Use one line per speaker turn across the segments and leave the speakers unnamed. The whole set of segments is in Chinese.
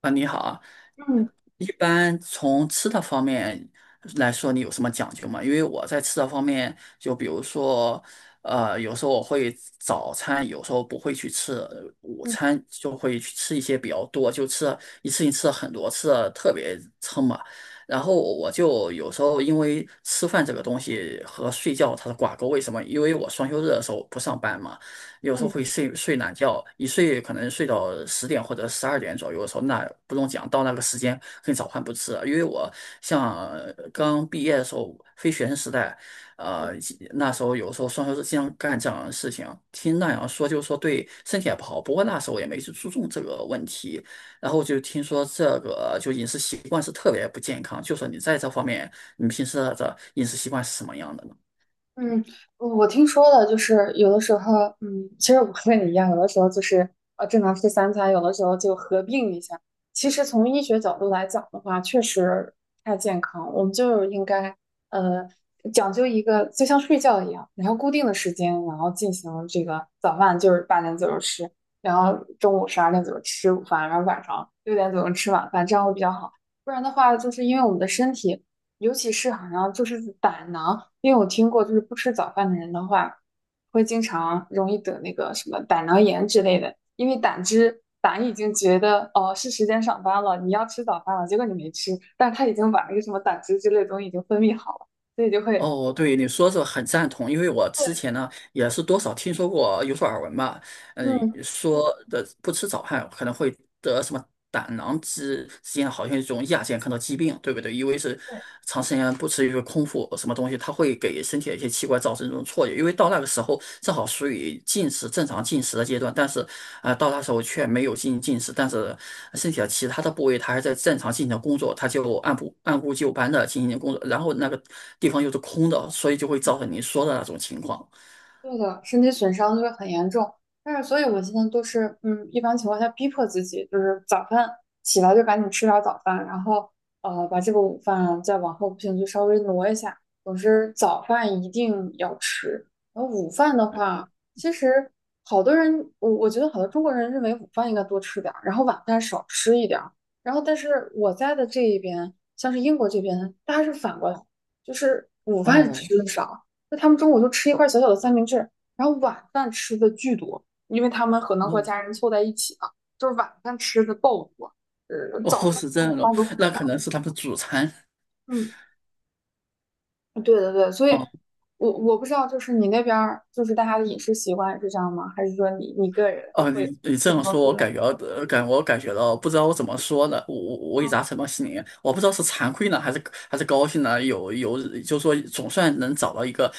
啊，你好啊，
嗯
一般从吃的方面来说，你有什么讲究吗？因为我在吃的方面，就比如说，有时候我会早餐，有时候不会去吃，午
嗯
餐就会去吃一些比较多，就吃了一次性吃了很多，吃的特别撑嘛。然后我就有时候因为吃饭这个东西和睡觉它是挂钩，为什么？因为我双休日的时候不上班嘛。有时候
嗯
会睡懒觉，一睡可能睡到十点或者十二点左右的时候，那不用讲，到那个时间跟早饭不吃了。因为我像刚毕业的时候，非学生时代，呃，那时候有时候双休日经常干这样的事情，听那样说就是说对身体也不好，不过那时候也没去注重这个问题，然后就听说这个就饮食习惯是特别不健康，就说你在这方面，你平时的饮食习惯是什么样的呢？
嗯，嗯我听说了，就是有的时候，其实我和你一样，有的时候就是正常吃三餐，有的时候就合并一下。其实从医学角度来讲的话，确实不太健康，我们就应该呃讲究一个，就像睡觉一样，然后固定的时间，然后进行这个早饭就是八点左右吃，然后中午十二点左右吃午饭，然后晚上6点左右吃晚饭，这样会比较好。不然的话，就是因为我们的身体。尤其是好像就是胆囊，因为我听过，就是不吃早饭的人的话，会经常容易得那个什么胆囊炎之类的，因为胆汁胆已经觉得哦是时间上班了，你要吃早饭了，结果你没吃，但是他已经把那个什么胆汁之类的东西已经分泌好了，所以就会。
哦，对，你说这个很赞同，因为我之
对，
前呢也是多少听说过，有所耳闻吧。嗯，
嗯。
说的不吃早饭可能会得什么胆囊之间好像一种亚健康的疾病，对不对？因为是
对。
长时间不吃一个空腹什么东西，它会给身体的一些器官造成这种错觉。因为到那个时候正好属于进食正常进食的阶段，但是到那时候却没有进行进食，但是身体的其他的部位它还在正常进行工作，它就按部就班的进行工作，然后那个地方又是空的，所以就会造成您说的那种情况。
对的，身体损伤就会很严重。但是，所以我现在都是，嗯，一般情况下逼迫自己，就是早饭起来就赶紧吃点儿早饭，然后把这个午饭再往后不行就稍微挪一下。总之，早饭一定要吃。然后午饭的话，其实好多人，我觉得好多中国人认为午饭应该多吃点儿，然后晚饭少吃一点儿。然后，但是我在的这一边，像是英国这边，大家是反过来，就是午饭
哦
吃的少。那他们中午就吃一块小小的三明治，然后晚饭吃的巨多，因为他们可能和
哦，
家人凑在一起嘛，就是晚饭吃的爆多，
哦，
早饭、
是这
中
样
午
的，
饭都很，
那可能是他们主餐。
嗯，对对对，所以
哦。
我不知道，就是你那边儿就是大家的饮食习惯是这样吗？还是说你个人
哦，
会
你这
不太
样说，
不一
我
样？
感觉我感觉到，不知道我怎么说呢，我也
嗯，
达什么心里，我不知道是惭愧呢，还是还是高兴呢，有有，就是说总算能找到一个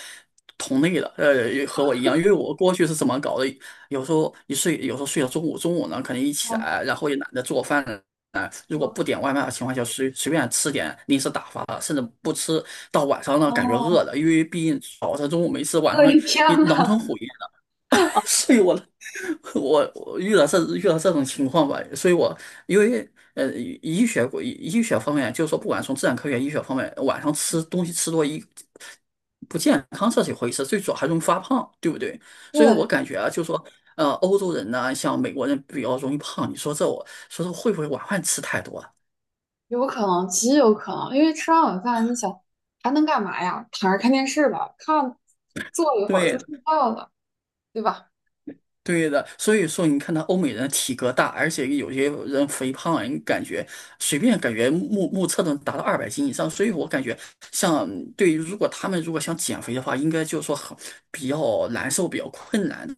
同类了，和我一样，因为我过去是怎么搞的，有时候一睡，有时候睡到中午，中午呢可能一起
对
来，然后也懒得做饭了。啊，如果
我
不点外卖的情况下，随便吃点零食打发的，甚至不吃，到晚上呢感觉
哦，
饿了，因为毕竟早上中午没吃，晚
我
上
的天
一狼
呐！
吞虎咽的，睡我了 我遇到这遇到这种情况吧，所以我因为医学医学方面，就是说不管从自然科学、医学方面，晚上吃东西吃多一不健康这是一回事，最主要还容易发胖，对不对？所以我
对，
感觉啊，就是说欧洲人呢，像美国人比较容易胖，你说这我说这会不会晚饭吃太多啊。
有可能，极有可能，因为吃完晚饭，你想还能干嘛呀？躺着看电视吧，看坐一会儿就
对，
睡觉了，对吧？
对的，所以说你看他欧美人体格大，而且有些人肥胖，你感觉随便感觉目测能达到二百斤以上，所以我感觉像对于如果他们如果想减肥的话，应该就是说很比较难受，比较困难的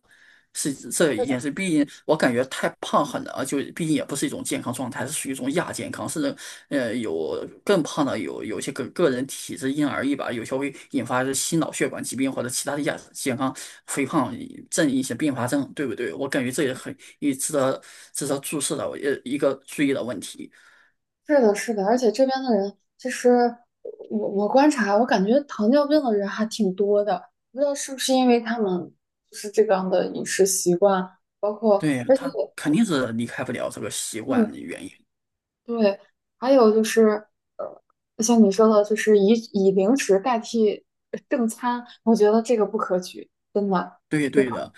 是这一件事。毕竟我感觉太胖很难，就毕竟也不是一种健康状态，是属于一种亚健康，是有更胖的有有些个人体质因人而异吧，有些会引发心脑血管疾病或者其他的亚健康肥胖症一些并发症，对不对？我感觉这也很也值得值得注视的呃一个注意的问题。
是的，是的，而且这边的人，其实我观察，我感觉糖尿病的人还挺多的，不知道是不是因为他们就是这样的饮食习惯，包括
对，
而且
他肯定是离开不了这个习惯
嗯，
的原因。
对，还有就是呃，像你说的，就是以零食代替正餐，我觉得这个不可取，真的，
对
对吧？
对的。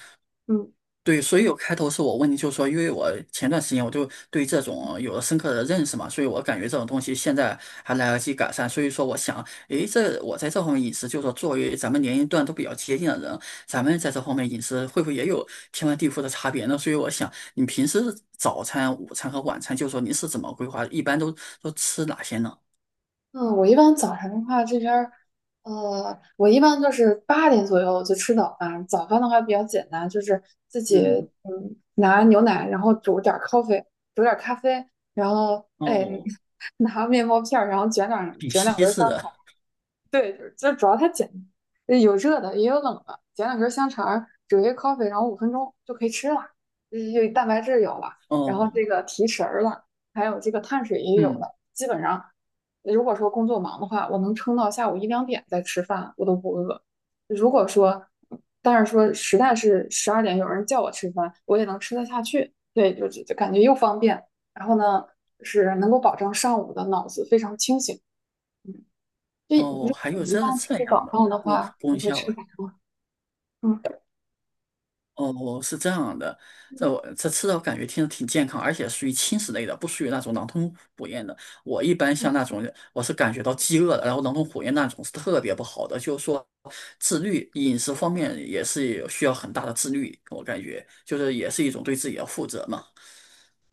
嗯。
对，所以有开头是我问你，就是说，因为我前段时间我就对这种有了深刻的认识嘛，所以我感觉这种东西现在还来得及改善，所以说我想，诶，这我在这方面饮食，就是说作为咱们年龄段都比较接近的人，咱们在这方面饮食会不会也有天翻地覆的差别呢？所以我想，你平时早餐、午餐和晚餐，就是说您是怎么规划，一般都吃哪些呢？
嗯，我一般早晨的话，这边儿，我一般就是八点左右就吃早饭。早饭的话比较简单，就是自己
嗯，
拿牛奶，然后煮点儿 coffee,煮点儿咖啡，然后哎
哦，
拿面包片儿，然后卷两
比
卷两根
西
儿
式
香肠，
的，
对，就是这主要它简单有热的也有冷的，捡两根香肠儿，煮一个 coffee,然后5分钟就可以吃了，这有蛋白质有了，然后
哦，
这个提神儿了，还有这个碳水也有
嗯，
了。基本上，如果说工作忙的话，我能撑到下午一两点再吃饭，我都不饿。如果说，但是说实在是十二点有人叫我吃饭，我也能吃得下去。对，就感觉又方便，然后呢是能够保证上午的脑子非常清醒。嗯就如
哦，
果
还有
你一般
这这
吃
样
早
的
饭的
功
话，你
功
会
效
吃
啊。
啥？嗯，
哦，是这样的，这我这吃的我感觉听着挺健康，而且属于轻食类的，不属于那种狼吞虎咽的。我一般像那种，我是感觉到饥饿的，然后狼吞虎咽那种是特别不好的，就是说自律饮食方面也是有需要很大的自律，我感觉就是也是一种对自己的负责嘛。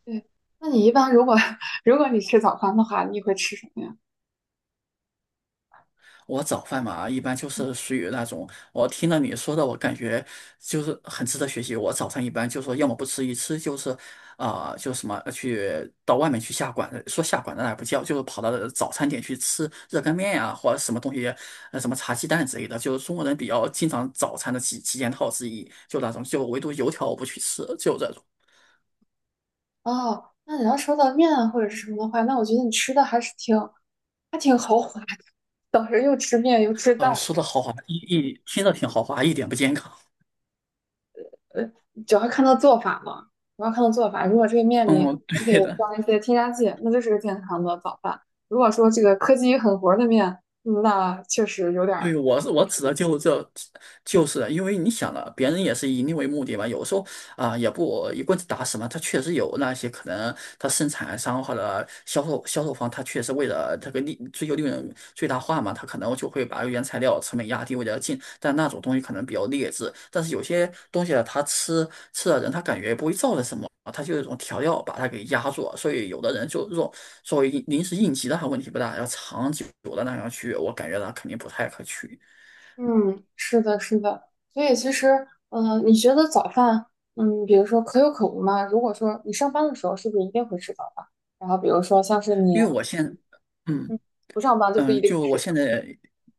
对。那你一般如果 如果你吃早饭的话，你会吃什么呀？
我早饭嘛，一般就是属于那种，我听了你说的，我感觉就是很值得学习。我早餐一般就说，要么不吃，一吃就是，啊、就什么呃去到外面去下馆子，说下馆子那也不叫，就是跑到早餐店去吃热干面呀、或者什么东西，什么茶鸡蛋之类的，就是中国人比较经常早餐的几件套之一，就那种，就唯独油条我不去吃，就这种。
哦，那你要说到面啊或者是什么的话，那我觉得你吃的还是挺还挺豪华的，当时又吃面又吃蛋，
说的豪华，一听着挺豪华，一点不健康。
主要看到做法嘛，主要看到做法。如果这个面里
嗯，
还给
对的。
加一些添加剂，那就是个健康的早饭。如果说这个科技与狠活儿的面，那确实有点儿
对，我是我指的就这，就是的因为你想了，别人也是以你为目的嘛。有时候也不一棍子打死嘛。他确实有那些可能，他生产商或者销售方，他确实为了这个利追求利润最大化嘛，他可能就会把原材料成本压低，为了进。但那种东西可能比较劣质，但是有些东西啊，他吃吃的人，他感觉不会造成什么。它就是一种调料把它给压住了，所以有的人就这种作为应临时应急的话问题不大，要长久的那样去，我感觉它肯定不太可取，
嗯，是的，是的，所以其实，你觉得早饭，比如说可有可无嘛？如果说你上班的时候，是不是一定会吃早饭？然后比如说像是你
因为我现嗯。
不上班就不
嗯，
一定
就我
吃
现
了。
在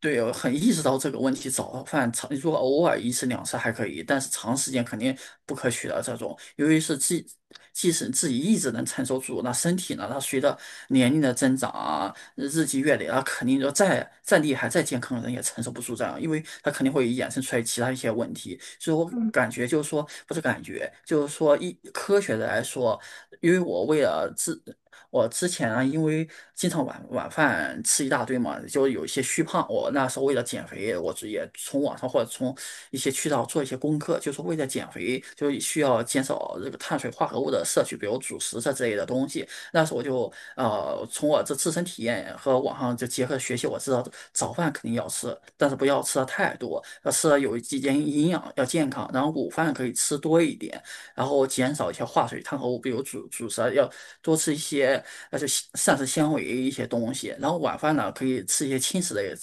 对我很意识到这个问题，早饭长如果偶尔一次两次还可以，但是长时间肯定不可取的这种。由于是自，即使自己意志能承受住，那身体呢，它随着年龄的增长啊，日积月累啊，肯定就再厉害、再健康的人也承受不住这样，因为它肯定会衍生出来其他一些问题。所以我
嗯
感觉就是说，不是感觉，就是说一科学的来说，因为我为了自。我之前啊，因为经常晚饭吃一大堆嘛，就有一些虚胖。我那时候为了减肥，我直也从网上或者从一些渠道做一些功课，就是为了减肥，就需要减少这个碳水化合物的摄取，比如主食这之类的东西。那时候我就从我这自身体验和网上就结合学习，我知道早饭肯定要吃，但是不要吃的太多，要吃的有几间营养，要健康。然后午饭可以吃多一点，然后减少一些化水碳合物，比如主食要多吃一些，那就膳食纤维一些东西。然后晚饭呢，可以吃一些轻食类的，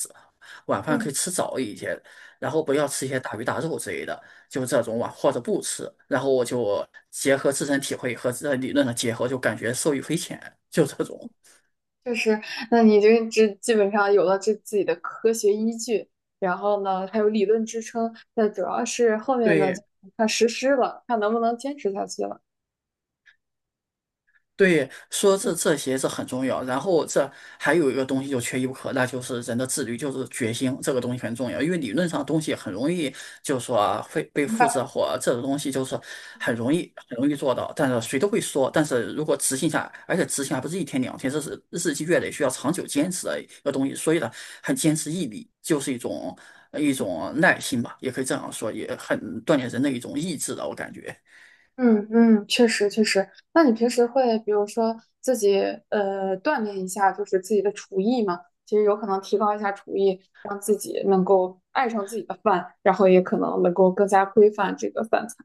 晚饭可
嗯，
以吃早一些，然后不要吃一些大鱼大肉之类的，就这种晚或者不吃。然后我就结合自身体会和这理论的结合，就感觉受益匪浅，就这种。
确实。那你就这基本上有了这自己的科学依据，然后呢还有理论支撑，那主要是后面呢就
对，
看实施了，看能不能坚持下去了。
对，说这
嗯
这些这很重要。然后这还有一个东西就缺一不可，那就是人的自律，就是决心，这个东西很重要。因为理论上东西很容易，就是说啊会被
明
复制
白。
或这种东西就是很容易很容易做到，但是谁都会说。但是如果执行下来，而且执行还不是一天两天，这是日积月累需要长久坚持的一个东西。所以呢，很坚持毅力就是一种一种耐心吧，也可以这样说，也很锻炼人的一种意志的，我感觉。
嗯嗯，确实确实。那你平时会比如说自己锻炼一下，就是自己的厨艺嘛？其实有可能提高一下厨艺，让自己能够爱上自己的饭，然后也可能能够更加规范这个饭菜。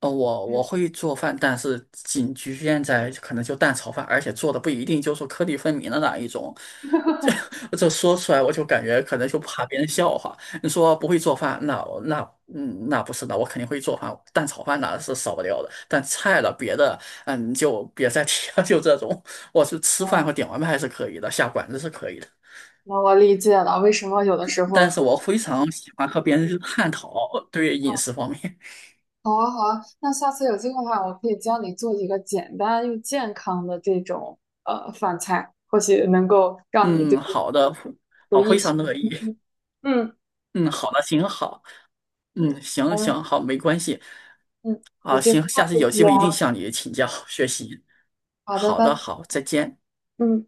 我会做饭，但是仅局限在可能就蛋炒饭，而且做的不一定就是颗粒分明的那一种。这说出来我就感觉可能就怕别人笑话。你说不会做饭，那我那嗯那不是的，我肯定会做饭，蛋炒饭那是少不了的。但菜了别的，嗯就别再提了，就这种。我是吃饭
哦，
和点外卖是可以的，下馆子是可以的，
那我理解了，为什么有的时候
但是
会。
我非常喜欢和别人去探讨对
哦，
饮食方面。
好啊好啊，那下次有机会的话，我可以教你做一个简单又健康的这种饭菜，或许能够 让你就
嗯，
是
好的，
厨
我
艺
非
提。
常乐意。
嗯嗯，
嗯，好的，行，好，嗯，行
好的
行，好，没关系，
嗯，有
啊，
机会
行，
下
下次
次
有
再
机会一定
聊。
向你请教学习。
好的，
好的，
拜。
好，再见。
嗯。